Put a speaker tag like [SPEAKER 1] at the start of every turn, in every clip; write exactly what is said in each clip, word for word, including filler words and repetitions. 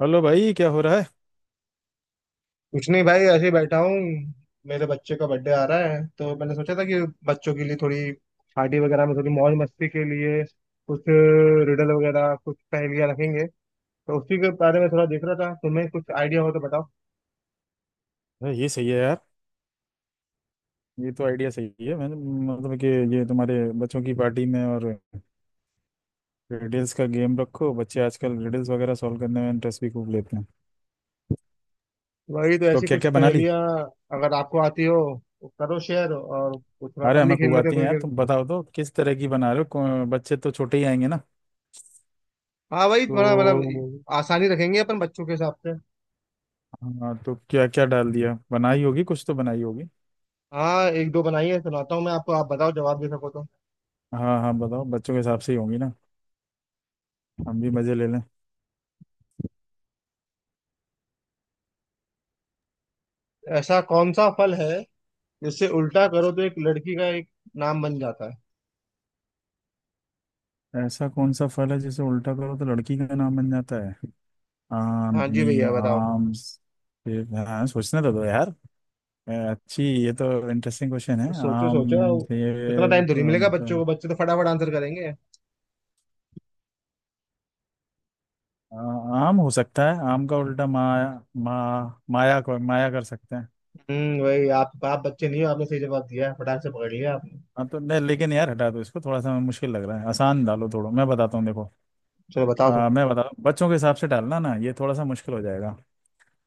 [SPEAKER 1] Hello भाई, क्या हो रहा है।
[SPEAKER 2] कुछ नहीं भाई, ऐसे ही बैठा हूँ। मेरे बच्चे का बर्थडे आ रहा है, तो मैंने सोचा था कि बच्चों के लिए थोड़ी पार्टी वगैरह में, थोड़ी मौज मस्ती के लिए कुछ रिडल वगैरह, कुछ पहेलियाँ रखेंगे। तो उसी के बारे में थोड़ा देख रहा था, तुम्हें कुछ आइडिया हो तो बताओ।
[SPEAKER 1] अरे ये सही है यार। ये तो आइडिया सही है। मैंने मतलब कि ये तुम्हारे बच्चों की पार्टी में और रिडल्स का गेम रखो। बच्चे आजकल रिडल्स वगैरह सॉल्व करने में इंटरेस्ट भी खूब लेते हैं।
[SPEAKER 2] वही तो,
[SPEAKER 1] तो
[SPEAKER 2] ऐसी
[SPEAKER 1] क्या
[SPEAKER 2] कुछ
[SPEAKER 1] क्या बना ली?
[SPEAKER 2] पहेलियाँ अगर आपको आती हो तो करो शेयर, और कुछ थोड़ा
[SPEAKER 1] अरे
[SPEAKER 2] अपन भी
[SPEAKER 1] हमें
[SPEAKER 2] खेल
[SPEAKER 1] खूब
[SPEAKER 2] लेते हैं
[SPEAKER 1] आती है
[SPEAKER 2] थोड़ी
[SPEAKER 1] यार।
[SPEAKER 2] देर।
[SPEAKER 1] तुम बताओ तो किस तरह की बना रहे हो? कौन- बच्चे तो छोटे ही आएंगे ना?
[SPEAKER 2] हाँ वही,
[SPEAKER 1] तो
[SPEAKER 2] थोड़ा मतलब आसानी रखेंगे अपन बच्चों के हिसाब से।
[SPEAKER 1] हाँ, तो क्या क्या डाल दिया? बनाई होगी कुछ तो बनाई होगी।
[SPEAKER 2] हाँ, एक दो बनाइए, सुनाता हूँ मैं आपको, आप बताओ जवाब दे सको तो।
[SPEAKER 1] हाँ हाँ, बताओ, बच्चों के हिसाब से ही होंगी ना। हम भी मजे ले लें।
[SPEAKER 2] ऐसा कौन सा फल है, इससे उल्टा करो तो एक लड़की का एक नाम बन जाता है।
[SPEAKER 1] ऐसा कौन सा फल है जिसे उल्टा करो तो लड़की का नाम बन जाता है?
[SPEAKER 2] हाँ जी
[SPEAKER 1] आर्मी।
[SPEAKER 2] भैया, बताओ।
[SPEAKER 1] आर्म्स। हाँ सोचने तो दो यार। अ, अच्छी, ये तो इंटरेस्टिंग क्वेश्चन है।
[SPEAKER 2] तो सोचो सोचो,
[SPEAKER 1] आम ये।
[SPEAKER 2] इतना टाइम थोड़ी मिलेगा बच्चों को, बच्चे तो फटाफट आंसर करेंगे।
[SPEAKER 1] अ, आम हो सकता है, आम का उल्टा माया। मा, माया को माया कर सकते हैं।
[SPEAKER 2] हम्म, वही। आप आप बच्चे नहीं हो, आपने सही जवाब दिया है, फटाक से पकड़ लिया आपने।
[SPEAKER 1] हाँ तो नहीं, लेकिन यार हटा दो इसको, थोड़ा सा मुश्किल लग रहा है, आसान डालो। थोड़ा मैं बताता हूँ, देखो।
[SPEAKER 2] चलो
[SPEAKER 1] अ,
[SPEAKER 2] बताओ।
[SPEAKER 1] मैं बता बच्चों के हिसाब से डालना ना, ये थोड़ा सा मुश्किल हो जाएगा।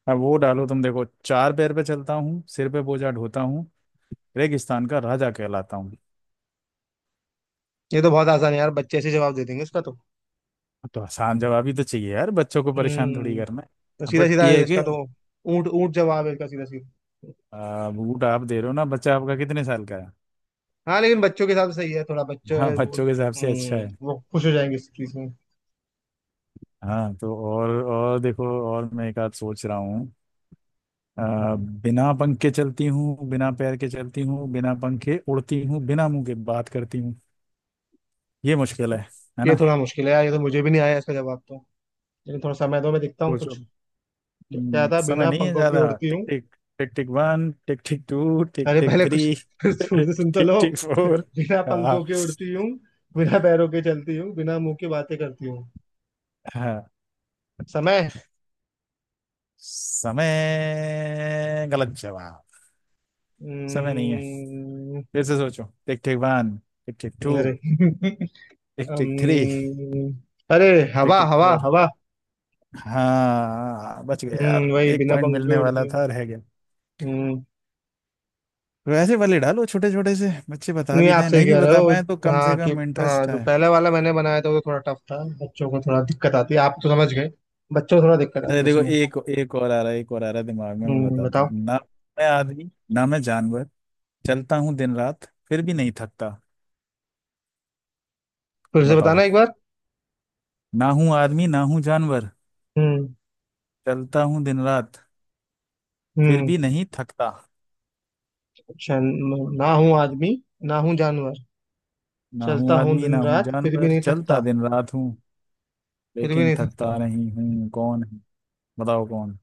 [SPEAKER 1] अब वो डालो, तुम देखो। चार पैर पे चलता हूँ, सिर पे बोझा ढोता हूँ, रेगिस्तान का राजा कहलाता हूँ।
[SPEAKER 2] ये तो बहुत आसान है यार, बच्चे ऐसे जवाब दे देंगे इसका तो।
[SPEAKER 1] तो आसान जवाब ही तो चाहिए यार, बच्चों को परेशान थोड़ी
[SPEAKER 2] हम्म।
[SPEAKER 1] करना
[SPEAKER 2] तो
[SPEAKER 1] है।
[SPEAKER 2] सीधा
[SPEAKER 1] बट
[SPEAKER 2] सीधा
[SPEAKER 1] ये
[SPEAKER 2] है
[SPEAKER 1] है कि
[SPEAKER 2] इसका तो। ऊंट ऊंट जवाब है इसका, सीधा सीधा।
[SPEAKER 1] आ, बूट आप दे रहे हो ना? बच्चा आपका कितने साल का है?
[SPEAKER 2] हाँ, लेकिन बच्चों के साथ सही है, थोड़ा बच्चे
[SPEAKER 1] हाँ
[SPEAKER 2] वो।
[SPEAKER 1] बच्चों के हिसाब से अच्छा है।
[SPEAKER 2] हम्म, वो खुश हो जाएंगे इस चीज में।
[SPEAKER 1] हाँ तो और और देखो, और मैं एक आध सोच रहा हूँ। आ, बिना पंख के चलती हूँ, बिना पैर के चलती हूँ, बिना पंख के उड़ती हूँ, बिना मुंह के बात करती हूँ। ये मुश्किल है है
[SPEAKER 2] ये
[SPEAKER 1] ना?
[SPEAKER 2] थोड़ा मुश्किल है यार, ये तो मुझे भी नहीं आया इसका जवाब तो, लेकिन थोड़ा समय दो, मैं देखता हूँ
[SPEAKER 1] सोचो।
[SPEAKER 2] कुछ। क्या
[SPEAKER 1] हम्म,
[SPEAKER 2] था,
[SPEAKER 1] समय
[SPEAKER 2] बिना
[SPEAKER 1] नहीं है
[SPEAKER 2] पंखों की
[SPEAKER 1] ज्यादा।
[SPEAKER 2] उड़ती
[SPEAKER 1] टिक
[SPEAKER 2] हूँ?
[SPEAKER 1] Tick, tick tick one, tick tick two, tick
[SPEAKER 2] अरे
[SPEAKER 1] टिक
[SPEAKER 2] पहले कुछ,
[SPEAKER 1] थ्री,
[SPEAKER 2] फिर सुर से सुन तो
[SPEAKER 1] टिक
[SPEAKER 2] लो।
[SPEAKER 1] Tick four.
[SPEAKER 2] बिना
[SPEAKER 1] हाँ
[SPEAKER 2] पंखों के उड़ती हूँ, बिना पैरों के चलती हूँ, बिना मुंह की बातें करती हूँ।
[SPEAKER 1] हाँ।
[SPEAKER 2] समय।
[SPEAKER 1] समय गलत जवाब। समय नहीं है।
[SPEAKER 2] हम्म,
[SPEAKER 1] फिर से सोचो। Tick tick one, tick tick two,
[SPEAKER 2] अरे
[SPEAKER 1] टिक टिक थ्री,
[SPEAKER 2] हम्म, अरे,
[SPEAKER 1] टिक
[SPEAKER 2] हवा
[SPEAKER 1] टिक
[SPEAKER 2] हवा
[SPEAKER 1] फोर।
[SPEAKER 2] हवा।
[SPEAKER 1] हाँ बच गया
[SPEAKER 2] हम्म,
[SPEAKER 1] यार,
[SPEAKER 2] वही
[SPEAKER 1] एक
[SPEAKER 2] बिना
[SPEAKER 1] पॉइंट
[SPEAKER 2] पंखों
[SPEAKER 1] मिलने
[SPEAKER 2] के उड़ती
[SPEAKER 1] वाला
[SPEAKER 2] हूँ।
[SPEAKER 1] था, रह गया।
[SPEAKER 2] हम्म,
[SPEAKER 1] वैसे वाले डालो, छोटे छोटे से बच्चे बता
[SPEAKER 2] नहीं,
[SPEAKER 1] भी
[SPEAKER 2] आप
[SPEAKER 1] दें,
[SPEAKER 2] सही
[SPEAKER 1] नहीं भी
[SPEAKER 2] कह रहे
[SPEAKER 1] बता
[SPEAKER 2] हो।
[SPEAKER 1] पाए तो कम
[SPEAKER 2] हाँ
[SPEAKER 1] से
[SPEAKER 2] कि,
[SPEAKER 1] कम
[SPEAKER 2] हाँ
[SPEAKER 1] इंटरेस्ट
[SPEAKER 2] जो
[SPEAKER 1] है।
[SPEAKER 2] पहले वाला मैंने बनाया था वो थोड़ा टफ था, बच्चों को थोड़ा दिक्कत आती है, आप तो समझ गए। बच्चों को थोड़ा दिक्कत आती
[SPEAKER 1] अरे
[SPEAKER 2] है
[SPEAKER 1] देखो,
[SPEAKER 2] उसमें।
[SPEAKER 1] एक एक और आ रहा है, एक और आ रहा है दिमाग में, मैं
[SPEAKER 2] हम्म,
[SPEAKER 1] बताता
[SPEAKER 2] बताओ।
[SPEAKER 1] हूँ ना मैं आदमी ना मैं जानवर, चलता हूँ दिन रात फिर भी नहीं थकता।
[SPEAKER 2] फिर से
[SPEAKER 1] बताओ।
[SPEAKER 2] बताना एक बार।
[SPEAKER 1] ना हूँ आदमी, ना हूँ जानवर,
[SPEAKER 2] हम्म।
[SPEAKER 1] चलता हूँ दिन रात फिर
[SPEAKER 2] हम्म।
[SPEAKER 1] भी नहीं थकता।
[SPEAKER 2] चल, ना हूँ आदमी, ना हूँ जानवर।
[SPEAKER 1] ना
[SPEAKER 2] चलता
[SPEAKER 1] हूँ
[SPEAKER 2] हूँ
[SPEAKER 1] आदमी ना
[SPEAKER 2] दिन
[SPEAKER 1] हूँ
[SPEAKER 2] रात, फिर भी
[SPEAKER 1] जानवर,
[SPEAKER 2] नहीं
[SPEAKER 1] चलता
[SPEAKER 2] थकता।
[SPEAKER 1] दिन रात हूँ,
[SPEAKER 2] फिर भी
[SPEAKER 1] लेकिन
[SPEAKER 2] नहीं थकता।
[SPEAKER 1] थकता नहीं हूँ, कौन है? बताओ कौन?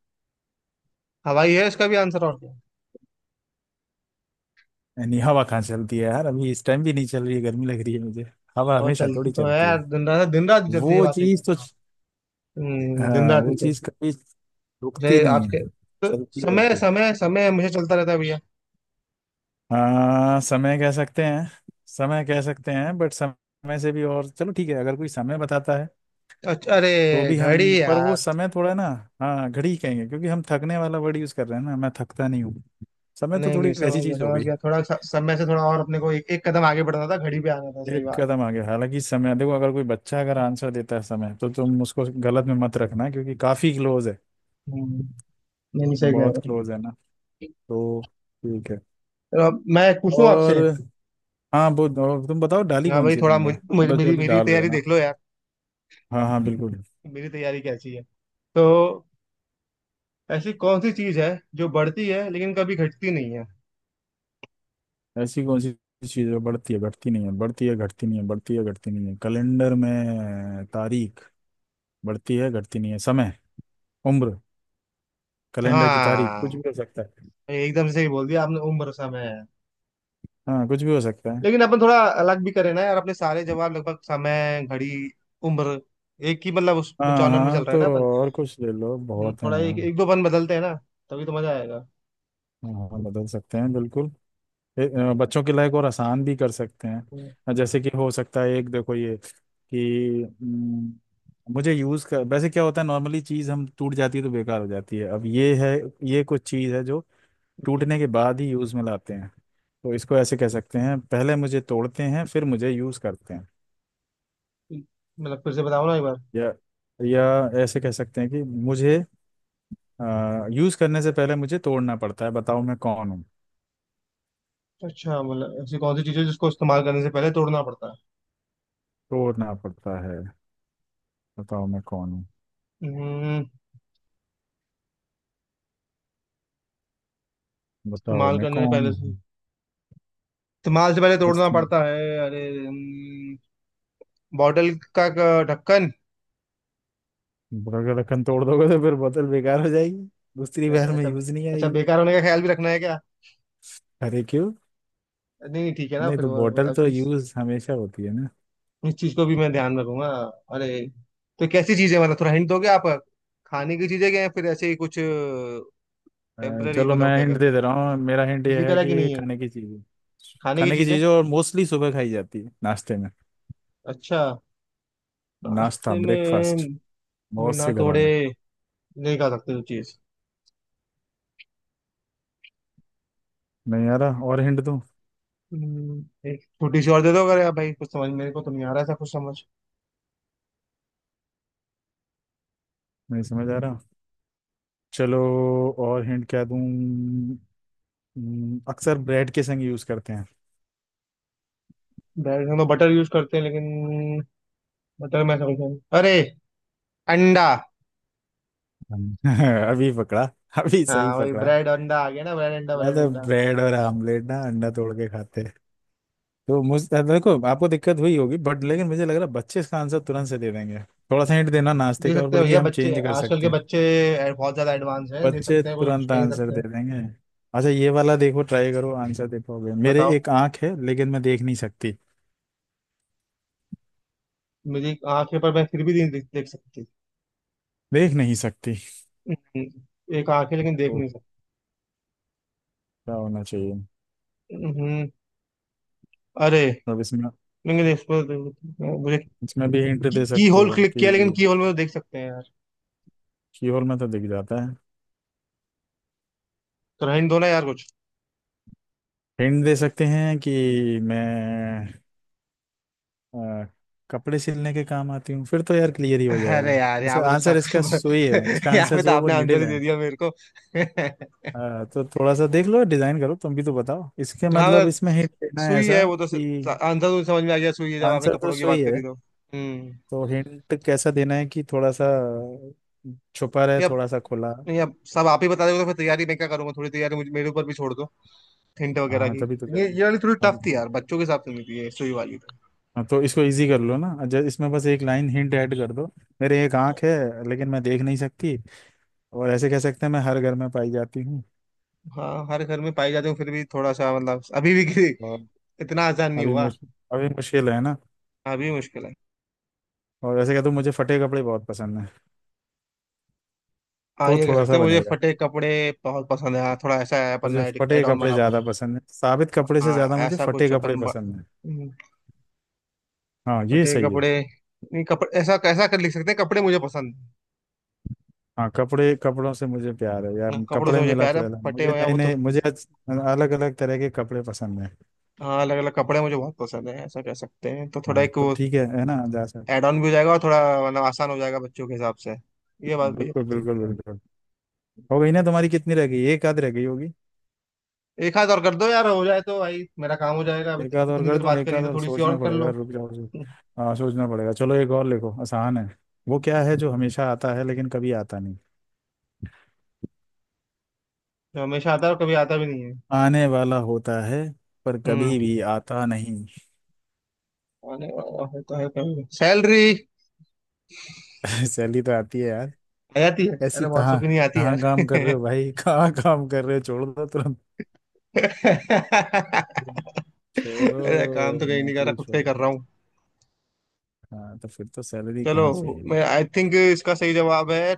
[SPEAKER 2] हवाई है इसका भी आंसर, और क्या है?
[SPEAKER 1] यानी हवा कहाँ चलती है यार, अभी इस टाइम भी नहीं चल रही है, गर्मी लग रही है मुझे। हवा
[SPEAKER 2] और
[SPEAKER 1] हमेशा
[SPEAKER 2] चलती
[SPEAKER 1] थोड़ी
[SPEAKER 2] तो है
[SPEAKER 1] चलती
[SPEAKER 2] यार,
[SPEAKER 1] है।
[SPEAKER 2] दिन रात, दिन रात भी चलती है,
[SPEAKER 1] वो
[SPEAKER 2] बात ही कर
[SPEAKER 1] चीज तो
[SPEAKER 2] रहा हूँ। हम्म, दिन
[SPEAKER 1] हाँ,
[SPEAKER 2] रात
[SPEAKER 1] वो
[SPEAKER 2] नहीं
[SPEAKER 1] चीज
[SPEAKER 2] चलती।
[SPEAKER 1] कभी रुकती
[SPEAKER 2] अरे
[SPEAKER 1] नहीं
[SPEAKER 2] आपके
[SPEAKER 1] है,
[SPEAKER 2] तो,
[SPEAKER 1] चलती
[SPEAKER 2] समय
[SPEAKER 1] रहती है।
[SPEAKER 2] समय समय मुझे चलता रहता है भैया।
[SPEAKER 1] हाँ समय कह सकते हैं, समय कह सकते हैं, बट समय से भी और, चलो ठीक है। अगर कोई समय बताता है
[SPEAKER 2] अच्छा अरे,
[SPEAKER 1] तो भी
[SPEAKER 2] घड़ी
[SPEAKER 1] हम पर वो
[SPEAKER 2] यार।
[SPEAKER 1] समय थोड़ा ना। हाँ घड़ी कहेंगे क्योंकि हम थकने वाला वर्ड यूज कर रहे हैं ना, मैं थकता नहीं हूँ, समय तो
[SPEAKER 2] नहीं
[SPEAKER 1] थोड़ी
[SPEAKER 2] नहीं समझ
[SPEAKER 1] वैसी
[SPEAKER 2] गया,
[SPEAKER 1] चीज हो
[SPEAKER 2] समझ
[SPEAKER 1] गई।
[SPEAKER 2] गया, थोड़ा सा समय से थोड़ा और अपने को एक, एक कदम आगे बढ़ना था, घड़ी पे आना था, सही
[SPEAKER 1] एक
[SPEAKER 2] बात है।
[SPEAKER 1] कदम आगे, हालांकि समय, देखो, अगर कोई बच्चा अगर आंसर देता है समय, तो तुम उसको गलत में मत रखना क्योंकि काफी क्लोज है,
[SPEAKER 2] हम्म, नहीं नहीं, सही
[SPEAKER 1] बहुत
[SPEAKER 2] कह
[SPEAKER 1] क्लोज है ना। तो ठीक है।
[SPEAKER 2] रहा हूँ। मैं पूछूं
[SPEAKER 1] और
[SPEAKER 2] आपसे?
[SPEAKER 1] हाँ, वो और तुम बताओ डाली
[SPEAKER 2] हाँ
[SPEAKER 1] कौन
[SPEAKER 2] भाई,
[SPEAKER 1] सी है
[SPEAKER 2] थोड़ा
[SPEAKER 1] तुमने,
[SPEAKER 2] मुझ, मुझ,
[SPEAKER 1] मतलब जो
[SPEAKER 2] मेरी
[SPEAKER 1] अभी
[SPEAKER 2] मेरी
[SPEAKER 1] डाल रहे हो
[SPEAKER 2] तैयारी
[SPEAKER 1] ना।
[SPEAKER 2] देख लो यार,
[SPEAKER 1] हाँ हाँ बिल्कुल।
[SPEAKER 2] मेरी तैयारी कैसी है। तो ऐसी कौन सी चीज है जो बढ़ती है लेकिन कभी घटती नहीं है?
[SPEAKER 1] ऐसी कौन सी चीज है बढ़ती है घटती नहीं है, बढ़ती है घटती नहीं है, बढ़ती है घटती नहीं है? कैलेंडर में तारीख बढ़ती है घटती नहीं है। समय, उम्र, कैलेंडर की तारीख, कुछ भी हो
[SPEAKER 2] हाँ,
[SPEAKER 1] सकता है।
[SPEAKER 2] एकदम से सही बोल दिया आपने, उम्र समय है।
[SPEAKER 1] हाँ कुछ भी हो सकता है।
[SPEAKER 2] लेकिन अपन थोड़ा अलग भी करें ना यार, अपने सारे जवाब लगभग समय, घड़ी, उम्र, एक ही मतलब उस
[SPEAKER 1] हाँ
[SPEAKER 2] जॉनर में चल
[SPEAKER 1] हाँ
[SPEAKER 2] रहा
[SPEAKER 1] तो
[SPEAKER 2] है ना अपन।
[SPEAKER 1] और कुछ ले लो,
[SPEAKER 2] हम्म,
[SPEAKER 1] बहुत है
[SPEAKER 2] थोड़ा एक
[SPEAKER 1] यार।
[SPEAKER 2] एक दो अपन बदलते हैं ना, तभी तो मजा आएगा।
[SPEAKER 1] हाँ हाँ, बदल सकते हैं बिल्कुल। ए, अ, बच्चों के लायक और आसान भी कर सकते
[SPEAKER 2] हम्म,
[SPEAKER 1] हैं। जैसे कि हो सकता है, एक देखो, ये कि हम्म, मुझे यूज़ कर वैसे क्या होता है, नॉर्मली चीज़ हम टूट जाती है तो बेकार हो जाती है। अब ये है ये कुछ चीज़ है जो टूटने के बाद ही यूज़ में लाते हैं। तो इसको ऐसे कह सकते हैं, पहले मुझे तोड़ते हैं फिर मुझे यूज़ करते हैं।
[SPEAKER 2] मतलब फिर से बताओ ना एक बार।
[SPEAKER 1] या या ऐसे कह सकते हैं कि मुझे आ, यूज करने से पहले मुझे तोड़ना पड़ता है, बताओ मैं कौन हूँ?
[SPEAKER 2] अच्छा, मतलब ऐसी कौन सी चीज है जिसको इस्तेमाल करने से पहले तोड़ना पड़ता है।
[SPEAKER 1] तोड़ना पड़ता है, बताओ मैं कौन हूँ?
[SPEAKER 2] हम्म,
[SPEAKER 1] बताओ
[SPEAKER 2] इस्तेमाल
[SPEAKER 1] मैं
[SPEAKER 2] करने से पहले,
[SPEAKER 1] कौन हूँ?
[SPEAKER 2] इस्तेमाल से पहले
[SPEAKER 1] इस
[SPEAKER 2] तोड़ना
[SPEAKER 1] तुम
[SPEAKER 2] पड़ता है। अरे हम्म, बॉटल का का ढक्कन।
[SPEAKER 1] अगर रखन तोड़ दोगे तो फिर बोतल बेकार हो जाएगी, दूसरी
[SPEAKER 2] अरे
[SPEAKER 1] बार में
[SPEAKER 2] अच्छा,
[SPEAKER 1] यूज नहीं
[SPEAKER 2] अच्छा,
[SPEAKER 1] आएगी।
[SPEAKER 2] बेकार होने का ख्याल भी रखना है क्या?
[SPEAKER 1] अरे क्यों?
[SPEAKER 2] नहीं नहीं ठीक है ना,
[SPEAKER 1] नहीं
[SPEAKER 2] फिर
[SPEAKER 1] तो
[SPEAKER 2] वो,
[SPEAKER 1] बोतल
[SPEAKER 2] अब
[SPEAKER 1] तो
[SPEAKER 2] इस
[SPEAKER 1] यूज हमेशा होती है ना।
[SPEAKER 2] इस चीज को भी मैं ध्यान में रखूंगा। अरे, तो कैसी चीजें, मतलब थोड़ा हिंट दोगे आप, खाने की चीजें क्या है फिर, ऐसे ही कुछ?
[SPEAKER 1] आ,
[SPEAKER 2] टेम्पररी
[SPEAKER 1] चलो
[SPEAKER 2] मतलब
[SPEAKER 1] मैं
[SPEAKER 2] क्या
[SPEAKER 1] हिंट
[SPEAKER 2] कहते
[SPEAKER 1] दे दे रहा
[SPEAKER 2] हैं,
[SPEAKER 1] हूँ, मेरा हिंट ये है
[SPEAKER 2] फिजिकल है कि
[SPEAKER 1] कि
[SPEAKER 2] नहीं है?
[SPEAKER 1] खाने की चीजें।
[SPEAKER 2] खाने की
[SPEAKER 1] खाने की
[SPEAKER 2] चीजें?
[SPEAKER 1] चीजें और मोस्टली सुबह खाई जाती है नाश्ते में।
[SPEAKER 2] अच्छा,
[SPEAKER 1] नाश्ता,
[SPEAKER 2] नाश्ते
[SPEAKER 1] ब्रेकफास्ट,
[SPEAKER 2] में?
[SPEAKER 1] बहुत
[SPEAKER 2] बिना
[SPEAKER 1] से घरों
[SPEAKER 2] तोड़े
[SPEAKER 1] में।
[SPEAKER 2] नहीं खा सकते वो चीज?
[SPEAKER 1] नहीं आ रहा, और हिंट दूं?
[SPEAKER 2] हम्म, एक छोटी सी और दे दो अगर यार भाई, कुछ समझ मेरे को तो नहीं आ रहा, ऐसा कुछ समझ।
[SPEAKER 1] नहीं समझ आ रहा। चलो और हिंट क्या दूं? हम्म, अक्सर ब्रेड के संग यूज करते हैं।
[SPEAKER 2] डायरेक्ट हम तो बटर यूज करते हैं, लेकिन बताओ, मैं समझा नहीं। अरे, अंडा।
[SPEAKER 1] हम। अभी पकड़ा, अभी सही
[SPEAKER 2] हाँ वही,
[SPEAKER 1] पकड़ा।
[SPEAKER 2] ब्रेड अंडा आ गया ना, ब्रेड अंडा ब्रेड
[SPEAKER 1] मतलब
[SPEAKER 2] अंडा।
[SPEAKER 1] ब्रेड और आमलेट ना, अंडा तोड़ के खाते हैं। तो मुझ देखो आपको दिक्कत हुई होगी बट लेकिन मुझे लग रहा है बच्चे इसका आंसर तुरंत से दे देंगे। थोड़ा सा हिंट देना नाश्ते
[SPEAKER 2] दे
[SPEAKER 1] का, और
[SPEAKER 2] सकते हैं
[SPEAKER 1] बल्कि
[SPEAKER 2] भैया,
[SPEAKER 1] हम
[SPEAKER 2] बच्चे
[SPEAKER 1] चेंज कर
[SPEAKER 2] आजकल
[SPEAKER 1] सकते
[SPEAKER 2] के
[SPEAKER 1] हैं।
[SPEAKER 2] बच्चे, ए- बहुत ज्यादा एडवांस हैं, दे
[SPEAKER 1] बच्चे
[SPEAKER 2] सकते हैं, कोई कुछ
[SPEAKER 1] तुरंत
[SPEAKER 2] कह नहीं
[SPEAKER 1] आंसर
[SPEAKER 2] सकते
[SPEAKER 1] दे
[SPEAKER 2] हैं।
[SPEAKER 1] देंगे। अच्छा ये वाला देखो, ट्राई करो, आंसर दे पाओगे? मेरे
[SPEAKER 2] बताओ।
[SPEAKER 1] एक आंख है लेकिन मैं देख नहीं सकती।
[SPEAKER 2] मेरी आंखें, पर मैं फिर भी नहीं देख, देख सकती।
[SPEAKER 1] देख नहीं सकती।
[SPEAKER 2] हम्म, एक आंखें लेकिन देख
[SPEAKER 1] तो
[SPEAKER 2] नहीं
[SPEAKER 1] क्या होना चाहिए?
[SPEAKER 2] सकती। हम्म, अरे,
[SPEAKER 1] अब इसमें
[SPEAKER 2] लेकिन इस पर तो मुझे,
[SPEAKER 1] इसमें भी हिंट
[SPEAKER 2] की,
[SPEAKER 1] दे
[SPEAKER 2] की
[SPEAKER 1] सकते
[SPEAKER 2] होल
[SPEAKER 1] हो
[SPEAKER 2] क्लिक
[SPEAKER 1] कि
[SPEAKER 2] किया, लेकिन की होल में तो देख सकते हैं यार।
[SPEAKER 1] शीहोर में तो दिख जाता है।
[SPEAKER 2] तो रहने दो ना यार कुछ।
[SPEAKER 1] हिंट दे सकते हैं कि मैं अ, कपड़े सिलने के काम आती हूँ, फिर तो यार क्लियर ही हो
[SPEAKER 2] अरे
[SPEAKER 1] जाएगा।
[SPEAKER 2] यार, यहाँ
[SPEAKER 1] ऐसा
[SPEAKER 2] पे तो
[SPEAKER 1] आंसर,
[SPEAKER 2] साफ
[SPEAKER 1] इसका सुई है, इसका
[SPEAKER 2] यहाँ
[SPEAKER 1] आंसर
[SPEAKER 2] पे
[SPEAKER 1] जो
[SPEAKER 2] तो
[SPEAKER 1] है वो
[SPEAKER 2] आपने आंसर
[SPEAKER 1] निडिल
[SPEAKER 2] ही
[SPEAKER 1] है।
[SPEAKER 2] दे दिया मेरे को।
[SPEAKER 1] अ, तो थोड़ा सा देख लो, डिजाइन करो तुम भी, तो बताओ इसके,
[SPEAKER 2] हाँ,
[SPEAKER 1] मतलब इसमें हिंट देना है
[SPEAKER 2] सुई
[SPEAKER 1] ऐसा
[SPEAKER 2] है वो तो, स-
[SPEAKER 1] कि
[SPEAKER 2] आंसर तो समझ में आ गया, सुई है, जब आपने
[SPEAKER 1] आंसर तो
[SPEAKER 2] कपड़ों की
[SPEAKER 1] सुई
[SPEAKER 2] बात करी
[SPEAKER 1] है।
[SPEAKER 2] तो। हम्म।
[SPEAKER 1] तो हिंट कैसा देना है कि थोड़ा सा छुपा रहे,
[SPEAKER 2] नहीं अब,
[SPEAKER 1] थोड़ा सा खुला।
[SPEAKER 2] नहीं अब सब आप ही बता दोगे तो फिर तैयारी मैं क्या करूंगा? थोड़ी तैयारी मुझे, मेरे ऊपर भी छोड़ दो हिंट वगैरह
[SPEAKER 1] हाँ
[SPEAKER 2] की।
[SPEAKER 1] तभी तो कह रहा
[SPEAKER 2] ये
[SPEAKER 1] हूँ।
[SPEAKER 2] ये वाली थोड़ी टफ थी
[SPEAKER 1] अब
[SPEAKER 2] यार, बच्चों के हिसाब से नहीं थी ये सुई वाली तो।
[SPEAKER 1] हाँ, तो इसको इजी कर लो ना, जब इसमें बस एक लाइन हिंट ऐड कर दो। मेरे एक आंख है लेकिन मैं देख नहीं सकती, और ऐसे कह सकते हैं मैं हर घर में पाई जाती हूँ।
[SPEAKER 2] हाँ, हर घर में पाई जाती हूँ, फिर भी थोड़ा सा मतलब अभी भी किसी-
[SPEAKER 1] और
[SPEAKER 2] इतना आसान नहीं
[SPEAKER 1] अभी
[SPEAKER 2] हुआ।
[SPEAKER 1] मुश अभी मुश्किल है ना।
[SPEAKER 2] अभी भी मुश्किल है।
[SPEAKER 1] और ऐसे कह दो मुझे फटे कपड़े बहुत पसंद है,
[SPEAKER 2] हाँ
[SPEAKER 1] तो
[SPEAKER 2] ये कह
[SPEAKER 1] थोड़ा
[SPEAKER 2] सकते
[SPEAKER 1] सा
[SPEAKER 2] हैं, मुझे
[SPEAKER 1] बनेगा।
[SPEAKER 2] फटे कपड़े बहुत पसंद है। हाँ, थोड़ा ऐसा है, अपन
[SPEAKER 1] मुझे फटे
[SPEAKER 2] एड ऑन
[SPEAKER 1] कपड़े
[SPEAKER 2] बना।
[SPEAKER 1] ज़्यादा पसंद है, साबित कपड़े से
[SPEAKER 2] हाँ,
[SPEAKER 1] ज़्यादा मुझे
[SPEAKER 2] ऐसा
[SPEAKER 1] फटे
[SPEAKER 2] कुछ
[SPEAKER 1] कपड़े
[SPEAKER 2] अपन ब-।
[SPEAKER 1] पसंद है।
[SPEAKER 2] हम्म,
[SPEAKER 1] हाँ ये
[SPEAKER 2] फटे
[SPEAKER 1] सही है।
[SPEAKER 2] कपड़े, नहीं कपड़े, ऐसा कैसा कर लिख सकते हैं, कपड़े मुझे पसंद।
[SPEAKER 1] हाँ कपड़े कपड़ों से मुझे प्यार है यार,
[SPEAKER 2] ना, कपड़ों से
[SPEAKER 1] कपड़े
[SPEAKER 2] मुझे
[SPEAKER 1] मेला
[SPEAKER 2] प्यार है,
[SPEAKER 1] प्यार है
[SPEAKER 2] फटे
[SPEAKER 1] मुझे,
[SPEAKER 2] हुए हैं
[SPEAKER 1] नए
[SPEAKER 2] वो तो।
[SPEAKER 1] नए, मुझे अलग अलग तरह के कपड़े पसंद है।
[SPEAKER 2] हाँ, अलग अलग कपड़े मुझे बहुत पसंद है, ऐसा कह सकते हैं, तो थोड़ा
[SPEAKER 1] हाँ
[SPEAKER 2] एक
[SPEAKER 1] तो
[SPEAKER 2] वो
[SPEAKER 1] ठीक है है ना, जा सकते।
[SPEAKER 2] एड ऑन भी हो जाएगा, और थोड़ा मतलब आसान हो जाएगा बच्चों के हिसाब से, ये बात भी है।
[SPEAKER 1] बिल्कुल बिल्कुल बिल्कुल। हो गई ना तुम्हारी? कितनी रह गई? एक आध रह गई होगी।
[SPEAKER 2] एक हाथ और कर दो यार, हो जाए तो भाई मेरा काम हो जाएगा, अब
[SPEAKER 1] एक आध और
[SPEAKER 2] इतनी
[SPEAKER 1] कर
[SPEAKER 2] देर
[SPEAKER 1] दूं,
[SPEAKER 2] बात
[SPEAKER 1] एक
[SPEAKER 2] करी
[SPEAKER 1] आध
[SPEAKER 2] तो
[SPEAKER 1] और
[SPEAKER 2] थोड़ी सी और
[SPEAKER 1] सोचना
[SPEAKER 2] कर
[SPEAKER 1] पड़ेगा,
[SPEAKER 2] लो।
[SPEAKER 1] रुक जाओ जी। हाँ सोचना पड़ेगा, चलो एक और लिखो, आसान है। वो क्या है जो हमेशा आता है लेकिन कभी आता नहीं,
[SPEAKER 2] जो हमेशा आता है, और कभी आता भी नहीं है?
[SPEAKER 1] आने वाला होता है पर
[SPEAKER 2] हम्म,
[SPEAKER 1] कभी भी आता नहीं?
[SPEAKER 2] आने वाला है तो है कभी, सैलरी?
[SPEAKER 1] सैलरी तो आती है यार।
[SPEAKER 2] आ जाती है,
[SPEAKER 1] ऐसी
[SPEAKER 2] अरे बहुत सौ
[SPEAKER 1] कहाँ,
[SPEAKER 2] की नहीं आती
[SPEAKER 1] कहाँ
[SPEAKER 2] यार।
[SPEAKER 1] काम कर रहे हो भाई? कहाँ काम कर रहे हो? छोड़ दो तुरंत,
[SPEAKER 2] अरे,
[SPEAKER 1] छोड़ दो
[SPEAKER 2] काम तो कहीं नहीं कर रहा,
[SPEAKER 1] नौकरी,
[SPEAKER 2] खुद का
[SPEAKER 1] छोड़
[SPEAKER 2] ही कर
[SPEAKER 1] दो।
[SPEAKER 2] रहा हूँ।
[SPEAKER 1] हाँ तो फिर तो सैलरी
[SPEAKER 2] चलो,
[SPEAKER 1] कहाँ चाहिए?
[SPEAKER 2] मैं आई थिंक इसका सही जवाब है,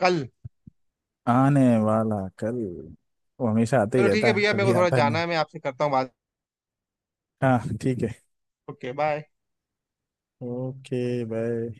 [SPEAKER 2] कल।
[SPEAKER 1] आने वाला कल, वो हमेशा आता ही
[SPEAKER 2] चलो ठीक है
[SPEAKER 1] रहता है
[SPEAKER 2] भैया, मेरे
[SPEAKER 1] कभी
[SPEAKER 2] को थोड़ा
[SPEAKER 1] आता
[SPEAKER 2] जाना
[SPEAKER 1] नहीं।
[SPEAKER 2] है, मैं आपसे करता हूँ बात।
[SPEAKER 1] हाँ ठीक है।
[SPEAKER 2] Okay bye.
[SPEAKER 1] Okay bye.